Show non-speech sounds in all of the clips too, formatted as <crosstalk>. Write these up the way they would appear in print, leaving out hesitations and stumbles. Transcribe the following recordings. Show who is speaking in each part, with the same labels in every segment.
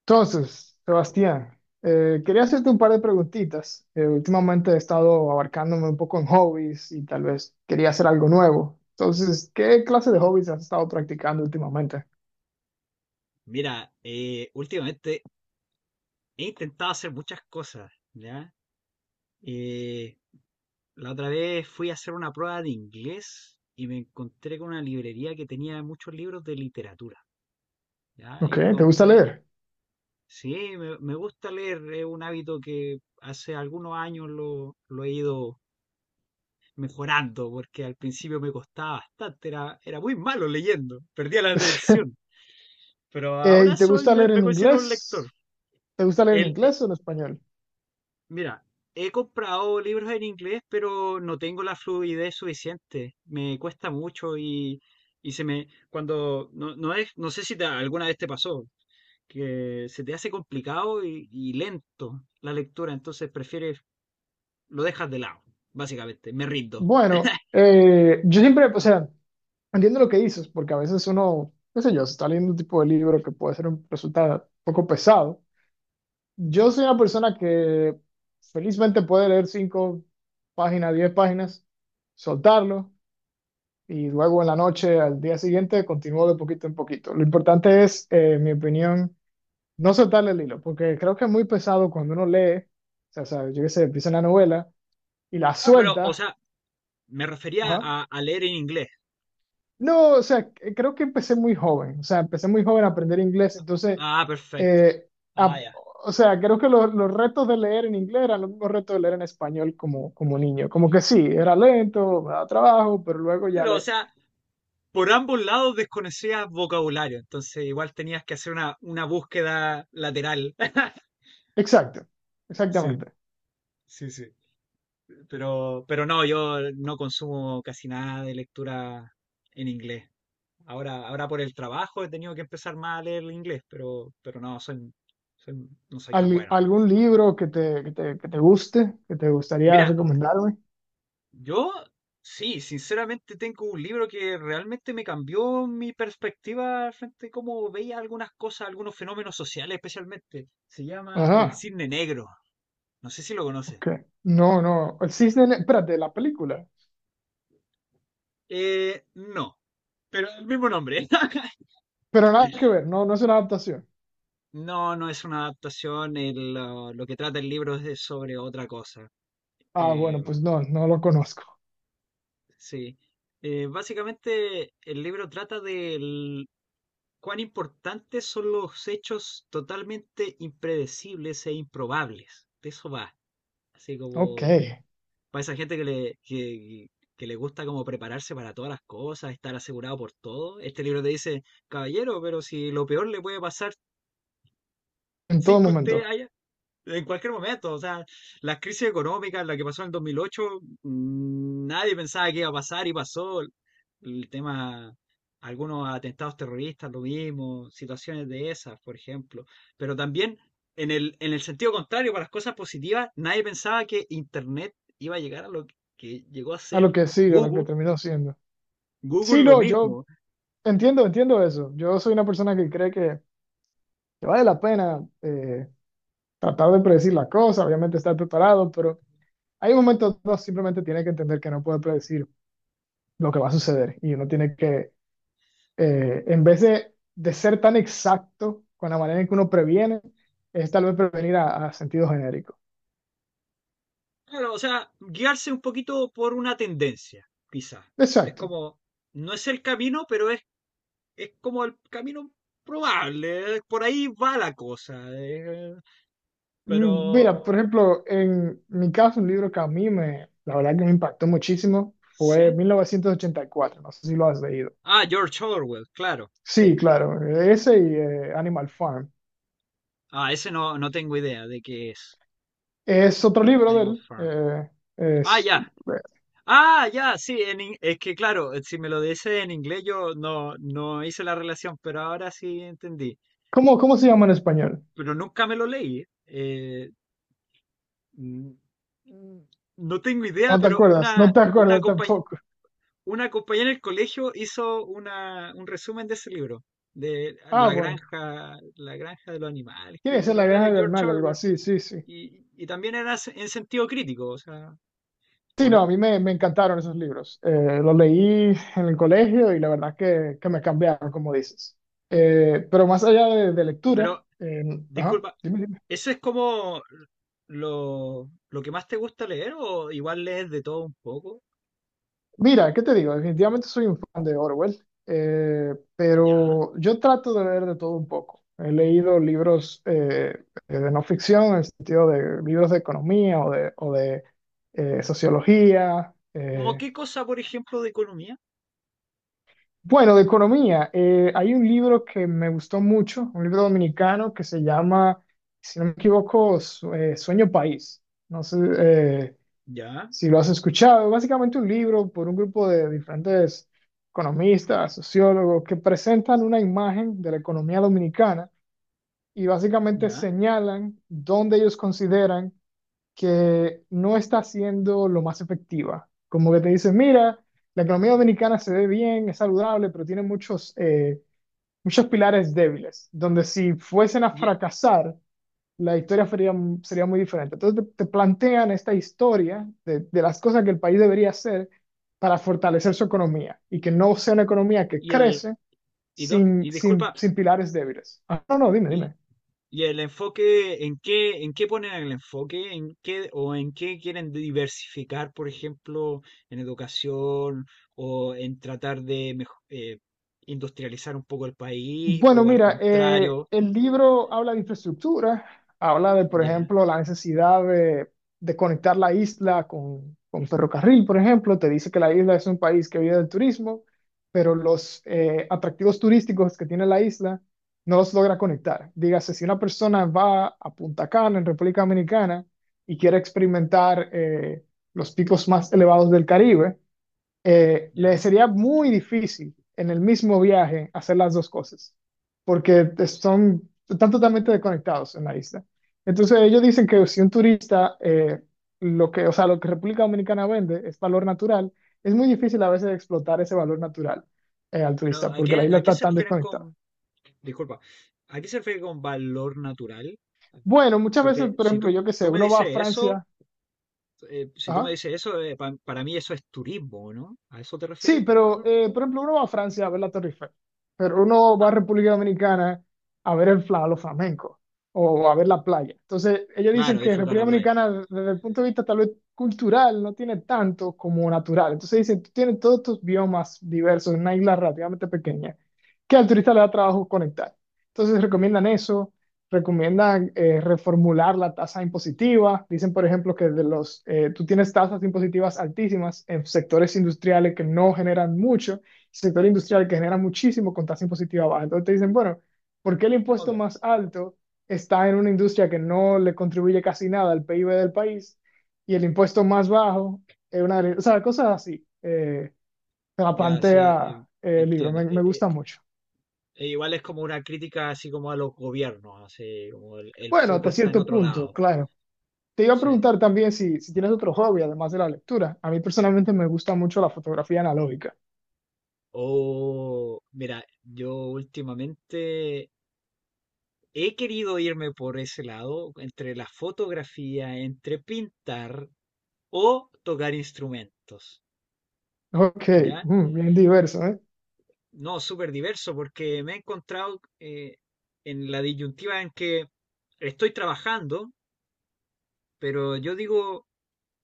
Speaker 1: Entonces, Sebastián, quería hacerte un par de preguntitas. Últimamente he estado abarcándome un poco en hobbies y tal vez quería hacer algo nuevo. Entonces, ¿qué clase de hobbies has estado practicando últimamente?
Speaker 2: Mira, últimamente he intentado hacer muchas cosas, ¿ya? Eh, la otra vez fui a hacer una prueba de inglés y me encontré con una librería que tenía muchos libros de literatura, ¿ya?
Speaker 1: Ok,
Speaker 2: Y
Speaker 1: ¿te gusta
Speaker 2: compré,
Speaker 1: leer?
Speaker 2: sí, me gusta leer, es un hábito que hace algunos años lo he ido mejorando, porque al principio me costaba bastante, era muy malo leyendo, perdía la
Speaker 1: <laughs>
Speaker 2: atención, pero
Speaker 1: ¿Y
Speaker 2: ahora
Speaker 1: te gusta leer
Speaker 2: me
Speaker 1: en
Speaker 2: considero un lector.
Speaker 1: inglés? ¿Te gusta leer en inglés o en español?
Speaker 2: Mira, he comprado libros en inglés, pero no tengo la fluidez suficiente. Me cuesta mucho y se me, cuando, no, no es, no sé si alguna vez te pasó, que se te hace complicado y lento la lectura, entonces prefieres, lo dejas de lado, básicamente, me rindo.
Speaker 1: Bueno, yo siempre, o sea, entiendo lo que dices, porque a veces uno, qué sé yo, se está leyendo un tipo de libro que puede ser un, resulta un poco pesado. Yo soy una persona que felizmente puede leer cinco páginas, diez páginas, soltarlo y luego en la noche, al día siguiente, continúo de poquito en poquito. Lo importante es, en mi opinión, no soltarle el hilo, porque creo que es muy pesado cuando uno lee, o sea, yo qué sé, empieza una novela y la
Speaker 2: Ah, pero, o
Speaker 1: suelta,
Speaker 2: sea, me refería
Speaker 1: ajá.
Speaker 2: a leer en inglés.
Speaker 1: No, o sea, creo que empecé muy joven, o sea, empecé muy joven a aprender inglés, entonces,
Speaker 2: Ah, perfecto.
Speaker 1: eh,
Speaker 2: Ah,
Speaker 1: a-
Speaker 2: ya.
Speaker 1: o sea, creo que los retos de leer en inglés eran los mismos retos de leer en español como, como niño, como que sí, era lento, me daba trabajo, pero luego ya
Speaker 2: Pero, o
Speaker 1: le...
Speaker 2: sea, por ambos lados desconocías vocabulario, entonces igual tenías que hacer una búsqueda lateral. <laughs>
Speaker 1: Exacto,
Speaker 2: Sí,
Speaker 1: exactamente.
Speaker 2: sí, sí. Pero no, yo no consumo casi nada de lectura en inglés. Ahora por el trabajo he tenido que empezar más a leer el inglés, pero no, no soy tan bueno.
Speaker 1: ¿Algún libro que te, que te, que te guste, que te gustaría
Speaker 2: Mira,
Speaker 1: recomendarme?
Speaker 2: yo sí, sinceramente tengo un libro que realmente me cambió mi perspectiva frente a cómo veía algunas cosas, algunos fenómenos sociales especialmente. Se llama El
Speaker 1: Ajá,
Speaker 2: Cisne Negro. No sé si lo conoces.
Speaker 1: ok. No, no, El Cisne, espérate, la película,
Speaker 2: No, pero el mismo nombre. <laughs>
Speaker 1: pero nada que ver, no, no es una adaptación.
Speaker 2: No, no es una adaptación. Lo que trata el libro es sobre otra cosa.
Speaker 1: Ah,
Speaker 2: Eh,
Speaker 1: bueno, pues no, no lo conozco.
Speaker 2: sí. Básicamente, el libro trata de cuán importantes son los hechos totalmente impredecibles e improbables. De eso va. Así
Speaker 1: Ok.
Speaker 2: como para esa gente que le gusta como prepararse para todas las cosas, estar asegurado por todo. Este libro te dice, caballero, pero si lo peor le puede pasar
Speaker 1: En todo
Speaker 2: sin que usted
Speaker 1: momento,
Speaker 2: haya En cualquier momento, o sea, la crisis económica, la que pasó en el 2008, nadie pensaba que iba a pasar y pasó. El tema, algunos atentados terroristas, lo mismo, situaciones de esas, por ejemplo. Pero también, en el sentido contrario, para las cosas positivas, nadie pensaba que Internet iba a llegar a lo que llegó a
Speaker 1: a
Speaker 2: ser
Speaker 1: lo que sigue, a lo que
Speaker 2: Google.
Speaker 1: terminó siendo. Sí,
Speaker 2: Google lo
Speaker 1: no, yo
Speaker 2: mismo.
Speaker 1: entiendo, entiendo eso. Yo soy una persona que cree que vale la pena tratar de predecir las cosas, obviamente estar preparado, pero hay momentos donde uno simplemente tiene que entender que no puede predecir lo que va a suceder y uno tiene que, en vez de ser tan exacto con la manera en que uno previene, es tal vez prevenir a sentido genérico.
Speaker 2: Claro, o sea, guiarse un poquito por una tendencia, quizás. Es
Speaker 1: Exacto.
Speaker 2: como, no es el camino, es como el camino probable, por ahí va la cosa, eh,
Speaker 1: Mm,
Speaker 2: pero
Speaker 1: mira, por ejemplo, en mi caso, un libro que a mí me, la verdad que me impactó muchísimo fue
Speaker 2: sí.
Speaker 1: 1984, no sé si lo has leído.
Speaker 2: Ah, George Orwell, claro,
Speaker 1: Sí,
Speaker 2: sí.
Speaker 1: claro, ese y Animal Farm.
Speaker 2: Ah, ese no, no tengo idea de qué es
Speaker 1: Es otro libro de
Speaker 2: Animal
Speaker 1: él.
Speaker 2: Farm. Ah,
Speaker 1: Es,
Speaker 2: ya. Ah, ya, sí, es que claro, si me lo dice en inglés yo no, no hice la relación, pero ahora sí entendí.
Speaker 1: ¿cómo, cómo se llama en español?
Speaker 2: Pero nunca me lo leí. Mm, mm, no tengo idea,
Speaker 1: No te
Speaker 2: pero
Speaker 1: acuerdas, no te
Speaker 2: una
Speaker 1: acuerdas
Speaker 2: compañía
Speaker 1: tampoco.
Speaker 2: Una compañera en el colegio hizo una, un resumen de ese libro, de
Speaker 1: Ah, bueno,
Speaker 2: La granja de los animales,
Speaker 1: tiene que
Speaker 2: creo,
Speaker 1: ser
Speaker 2: pero
Speaker 1: La
Speaker 2: era
Speaker 1: Granja
Speaker 2: de
Speaker 1: del
Speaker 2: George
Speaker 1: Mal, algo
Speaker 2: Orwell
Speaker 1: así, sí, sí.
Speaker 2: y también era en sentido crítico, o sea,
Speaker 1: Sí,
Speaker 2: ¿o
Speaker 1: no, a
Speaker 2: no?
Speaker 1: mí me, me encantaron esos libros. Los leí en el colegio y la verdad que me cambiaron, como dices. Pero más allá de lectura,
Speaker 2: Pero,
Speaker 1: ajá,
Speaker 2: disculpa,
Speaker 1: dime, dime.
Speaker 2: ¿eso es como lo que más te gusta leer o igual lees de todo un poco?
Speaker 1: Mira, ¿qué te digo? Definitivamente soy un fan de Orwell,
Speaker 2: Ya.
Speaker 1: pero yo trato de leer de todo un poco. He leído libros de no ficción, en el sentido de libros de economía o de sociología.
Speaker 2: ¿Cómo qué cosa, por ejemplo, de economía?
Speaker 1: Bueno, de economía, hay un libro que me gustó mucho, un libro dominicano que se llama, si no me equivoco, Sueño País. No sé
Speaker 2: Ya,
Speaker 1: si lo has escuchado. Básicamente un libro por un grupo de diferentes economistas, sociólogos, que presentan una imagen de la economía dominicana y básicamente
Speaker 2: ya.
Speaker 1: señalan dónde ellos consideran que no está siendo lo más efectiva. Como que te dicen, mira, la economía dominicana se ve bien, es saludable, pero tiene muchos, muchos pilares débiles, donde si fuesen a
Speaker 2: Y,
Speaker 1: fracasar, la historia sería, sería muy diferente. Entonces te plantean esta historia de las cosas que el país debería hacer para fortalecer su economía y que no sea una economía que
Speaker 2: y el,
Speaker 1: crece
Speaker 2: y, do-
Speaker 1: sin,
Speaker 2: y
Speaker 1: sin,
Speaker 2: disculpa,
Speaker 1: sin pilares débiles. Ah, no, no, dime, dime.
Speaker 2: ¿y el enfoque en qué ponen el enfoque? ¿En qué o en qué quieren diversificar, por ejemplo, en educación o en tratar de industrializar un poco el país
Speaker 1: Bueno,
Speaker 2: o al
Speaker 1: mira,
Speaker 2: contrario?
Speaker 1: el libro habla de infraestructura, habla de, por
Speaker 2: Ya,
Speaker 1: ejemplo, la necesidad de conectar la isla con ferrocarril, por ejemplo. Te dice que la isla es un país que vive del turismo, pero los atractivos turísticos que tiene la isla no los logra conectar. Dígase, si una persona va a Punta Cana, en República Dominicana, y quiere experimentar los picos más elevados del Caribe, le
Speaker 2: ya.
Speaker 1: sería muy difícil en el mismo viaje hacer las dos cosas, porque son, están totalmente desconectados en la isla. Entonces ellos dicen que si un turista, lo que, o sea, lo que República Dominicana vende es valor natural, es muy difícil a veces explotar ese valor natural al
Speaker 2: Pero
Speaker 1: turista, porque la isla
Speaker 2: ¿a qué
Speaker 1: está
Speaker 2: se
Speaker 1: tan
Speaker 2: refieren
Speaker 1: desconectada.
Speaker 2: con, disculpa, ¿a qué se refiere con valor natural?
Speaker 1: Bueno, muchas veces,
Speaker 2: Porque
Speaker 1: por
Speaker 2: si
Speaker 1: ejemplo,
Speaker 2: tú,
Speaker 1: yo qué sé,
Speaker 2: Tú me
Speaker 1: uno va a
Speaker 2: dices eso,
Speaker 1: Francia,
Speaker 2: si tú me
Speaker 1: ajá.
Speaker 2: dices eso, para mí eso es turismo, ¿no? ¿A eso te
Speaker 1: Sí,
Speaker 2: refieres con
Speaker 1: pero
Speaker 2: valor natural?
Speaker 1: por ejemplo, uno va a Francia a ver la Torre Eiffel, pero uno va a
Speaker 2: Ah,
Speaker 1: República Dominicana a ver el fla, los flamencos o a ver la playa. Entonces, ellos dicen
Speaker 2: claro,
Speaker 1: que
Speaker 2: disfrutar
Speaker 1: República
Speaker 2: la playa.
Speaker 1: Dominicana, desde el punto de vista tal vez cultural, no tiene tanto como natural. Entonces, dicen, tú tienes todos estos biomas diversos en una isla relativamente pequeña que al turista le da trabajo conectar. Entonces, recomiendan eso recomiendan reformular la tasa impositiva. Dicen, por ejemplo, que de los, tú tienes tasas impositivas altísimas en sectores industriales que no generan mucho, sector industrial que genera muchísimo con tasa impositiva baja. Entonces te dicen, bueno, ¿por qué el
Speaker 2: Ok,
Speaker 1: impuesto más alto está en una industria que no le contribuye casi nada al PIB del país y el impuesto más bajo es una... O sea, cosas así. Se la
Speaker 2: ya sí,
Speaker 1: plantea el libro,
Speaker 2: entiendo.
Speaker 1: me gusta mucho.
Speaker 2: E igual es como una crítica así como a los gobiernos, así como el
Speaker 1: Bueno,
Speaker 2: foco
Speaker 1: hasta
Speaker 2: está en
Speaker 1: cierto
Speaker 2: otro
Speaker 1: punto,
Speaker 2: lado.
Speaker 1: claro. Te iba a
Speaker 2: Sí.
Speaker 1: preguntar también si, si tienes otro hobby además de la lectura. A mí personalmente me gusta mucho la fotografía analógica.
Speaker 2: O, mira, yo últimamente he querido irme por ese lado, entre la fotografía, entre pintar o tocar instrumentos,
Speaker 1: Ok,
Speaker 2: ¿ya?
Speaker 1: mm, bien diverso, ¿eh?
Speaker 2: No, súper diverso, porque me he encontrado en la disyuntiva en que estoy trabajando, pero yo digo,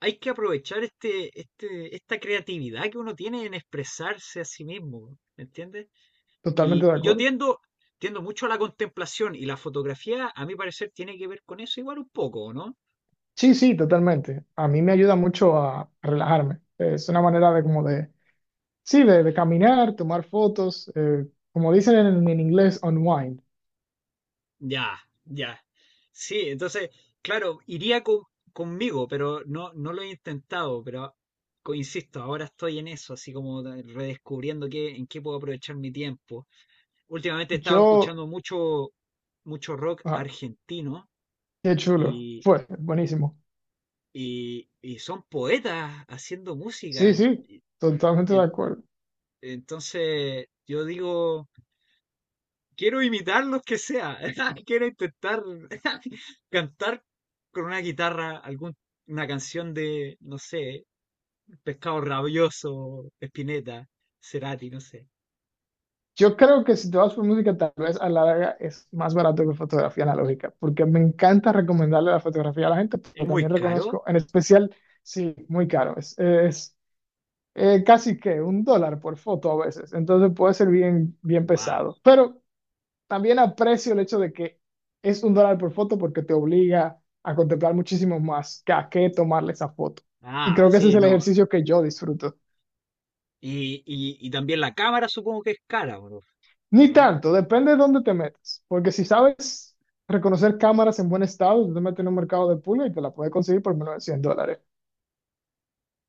Speaker 2: hay que aprovechar esta creatividad que uno tiene en expresarse a sí mismo, ¿me entiendes?
Speaker 1: Totalmente
Speaker 2: Y,
Speaker 1: de
Speaker 2: y yo
Speaker 1: acuerdo.
Speaker 2: tiendo, Tiendo mucho a la contemplación y la fotografía, a mi parecer, tiene que ver con eso igual un poco, ¿no?
Speaker 1: Sí, sí, totalmente. A mí me ayuda mucho a relajarme. Es una manera de como de, sí, de caminar, tomar fotos, como dicen en inglés, unwind.
Speaker 2: Ya, ya. Sí, entonces, claro, conmigo, pero no, no lo he intentado, pero insisto, ahora estoy en eso, así como redescubriendo qué, en qué puedo aprovechar mi tiempo. Últimamente he estado
Speaker 1: Yo,
Speaker 2: escuchando mucho rock
Speaker 1: ah,
Speaker 2: argentino
Speaker 1: qué chulo.
Speaker 2: y,
Speaker 1: Fue, buenísimo.
Speaker 2: y son poetas haciendo música.
Speaker 1: Sí, sí, totalmente de
Speaker 2: En-
Speaker 1: acuerdo.
Speaker 2: entonces, yo digo... Quiero imitar los que sea. <laughs> Quiero intentar <laughs> cantar con una guitarra una canción de, no sé, Pescado Rabioso, Spinetta, Cerati, no sé.
Speaker 1: Yo creo que si te vas por música, tal vez a la larga es más barato que fotografía analógica, porque me encanta recomendarle la fotografía a la gente,
Speaker 2: ¿Es
Speaker 1: pero también
Speaker 2: muy
Speaker 1: reconozco,
Speaker 2: caro?
Speaker 1: en especial, sí, muy caro. Es casi que un dólar por foto a veces, entonces puede ser bien, bien
Speaker 2: Wow.
Speaker 1: pesado. Pero también aprecio el hecho de que es un dólar por foto porque te obliga a contemplar muchísimo más que a qué tomarle esa foto. Y
Speaker 2: Ah,
Speaker 1: creo que ese es
Speaker 2: sí,
Speaker 1: el
Speaker 2: no.
Speaker 1: ejercicio que yo disfruto.
Speaker 2: Y también la cámara supongo que es cara, ¿o no? ¿O
Speaker 1: Ni
Speaker 2: no?
Speaker 1: tanto, depende de dónde te metas. Porque si sabes reconocer cámaras en buen estado, tú te metes en un mercado de pulga y te la puedes conseguir por menos de $100.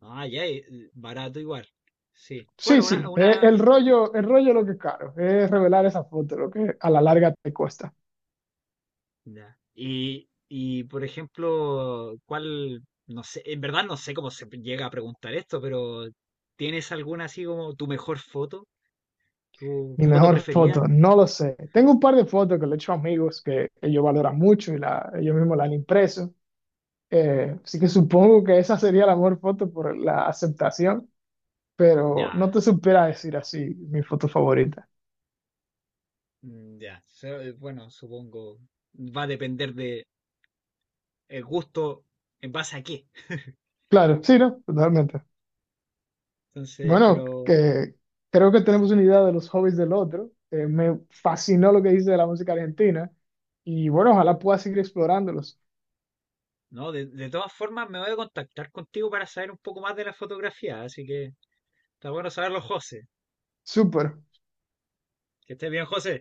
Speaker 2: Ah, ya, barato igual. Sí.
Speaker 1: Sí,
Speaker 2: Bueno,
Speaker 1: sí,
Speaker 2: una,
Speaker 1: el rollo es lo que es caro, es revelar esa foto, lo que a la larga te cuesta.
Speaker 2: Ya. Y, por ejemplo, ¿cuál, no sé, en verdad no sé cómo se llega a preguntar esto, pero ¿tienes alguna así como tu mejor foto? ¿Tu
Speaker 1: Mi
Speaker 2: foto
Speaker 1: mejor foto,
Speaker 2: preferida?
Speaker 1: no lo sé. Tengo un par de fotos que le he hecho a amigos que ellos valoran mucho y la, ellos mismos la han impreso. Así que supongo que esa sería la mejor foto por la aceptación, pero
Speaker 2: Ya,
Speaker 1: no te supiera decir así mi foto favorita.
Speaker 2: ya. Bueno, supongo, va a depender de el gusto en base a qué. <laughs>
Speaker 1: Claro, sí, ¿no? Totalmente.
Speaker 2: Entonces,
Speaker 1: Bueno,
Speaker 2: pero
Speaker 1: que creo que tenemos una idea de los hobbies del otro. Me fascinó lo que dice de la música argentina y bueno, ojalá pueda seguir explorándolos.
Speaker 2: no, de todas formas me voy a contactar contigo para saber un poco más de la fotografía, así que está bueno saberlo, José.
Speaker 1: Súper.
Speaker 2: Que estés bien, José.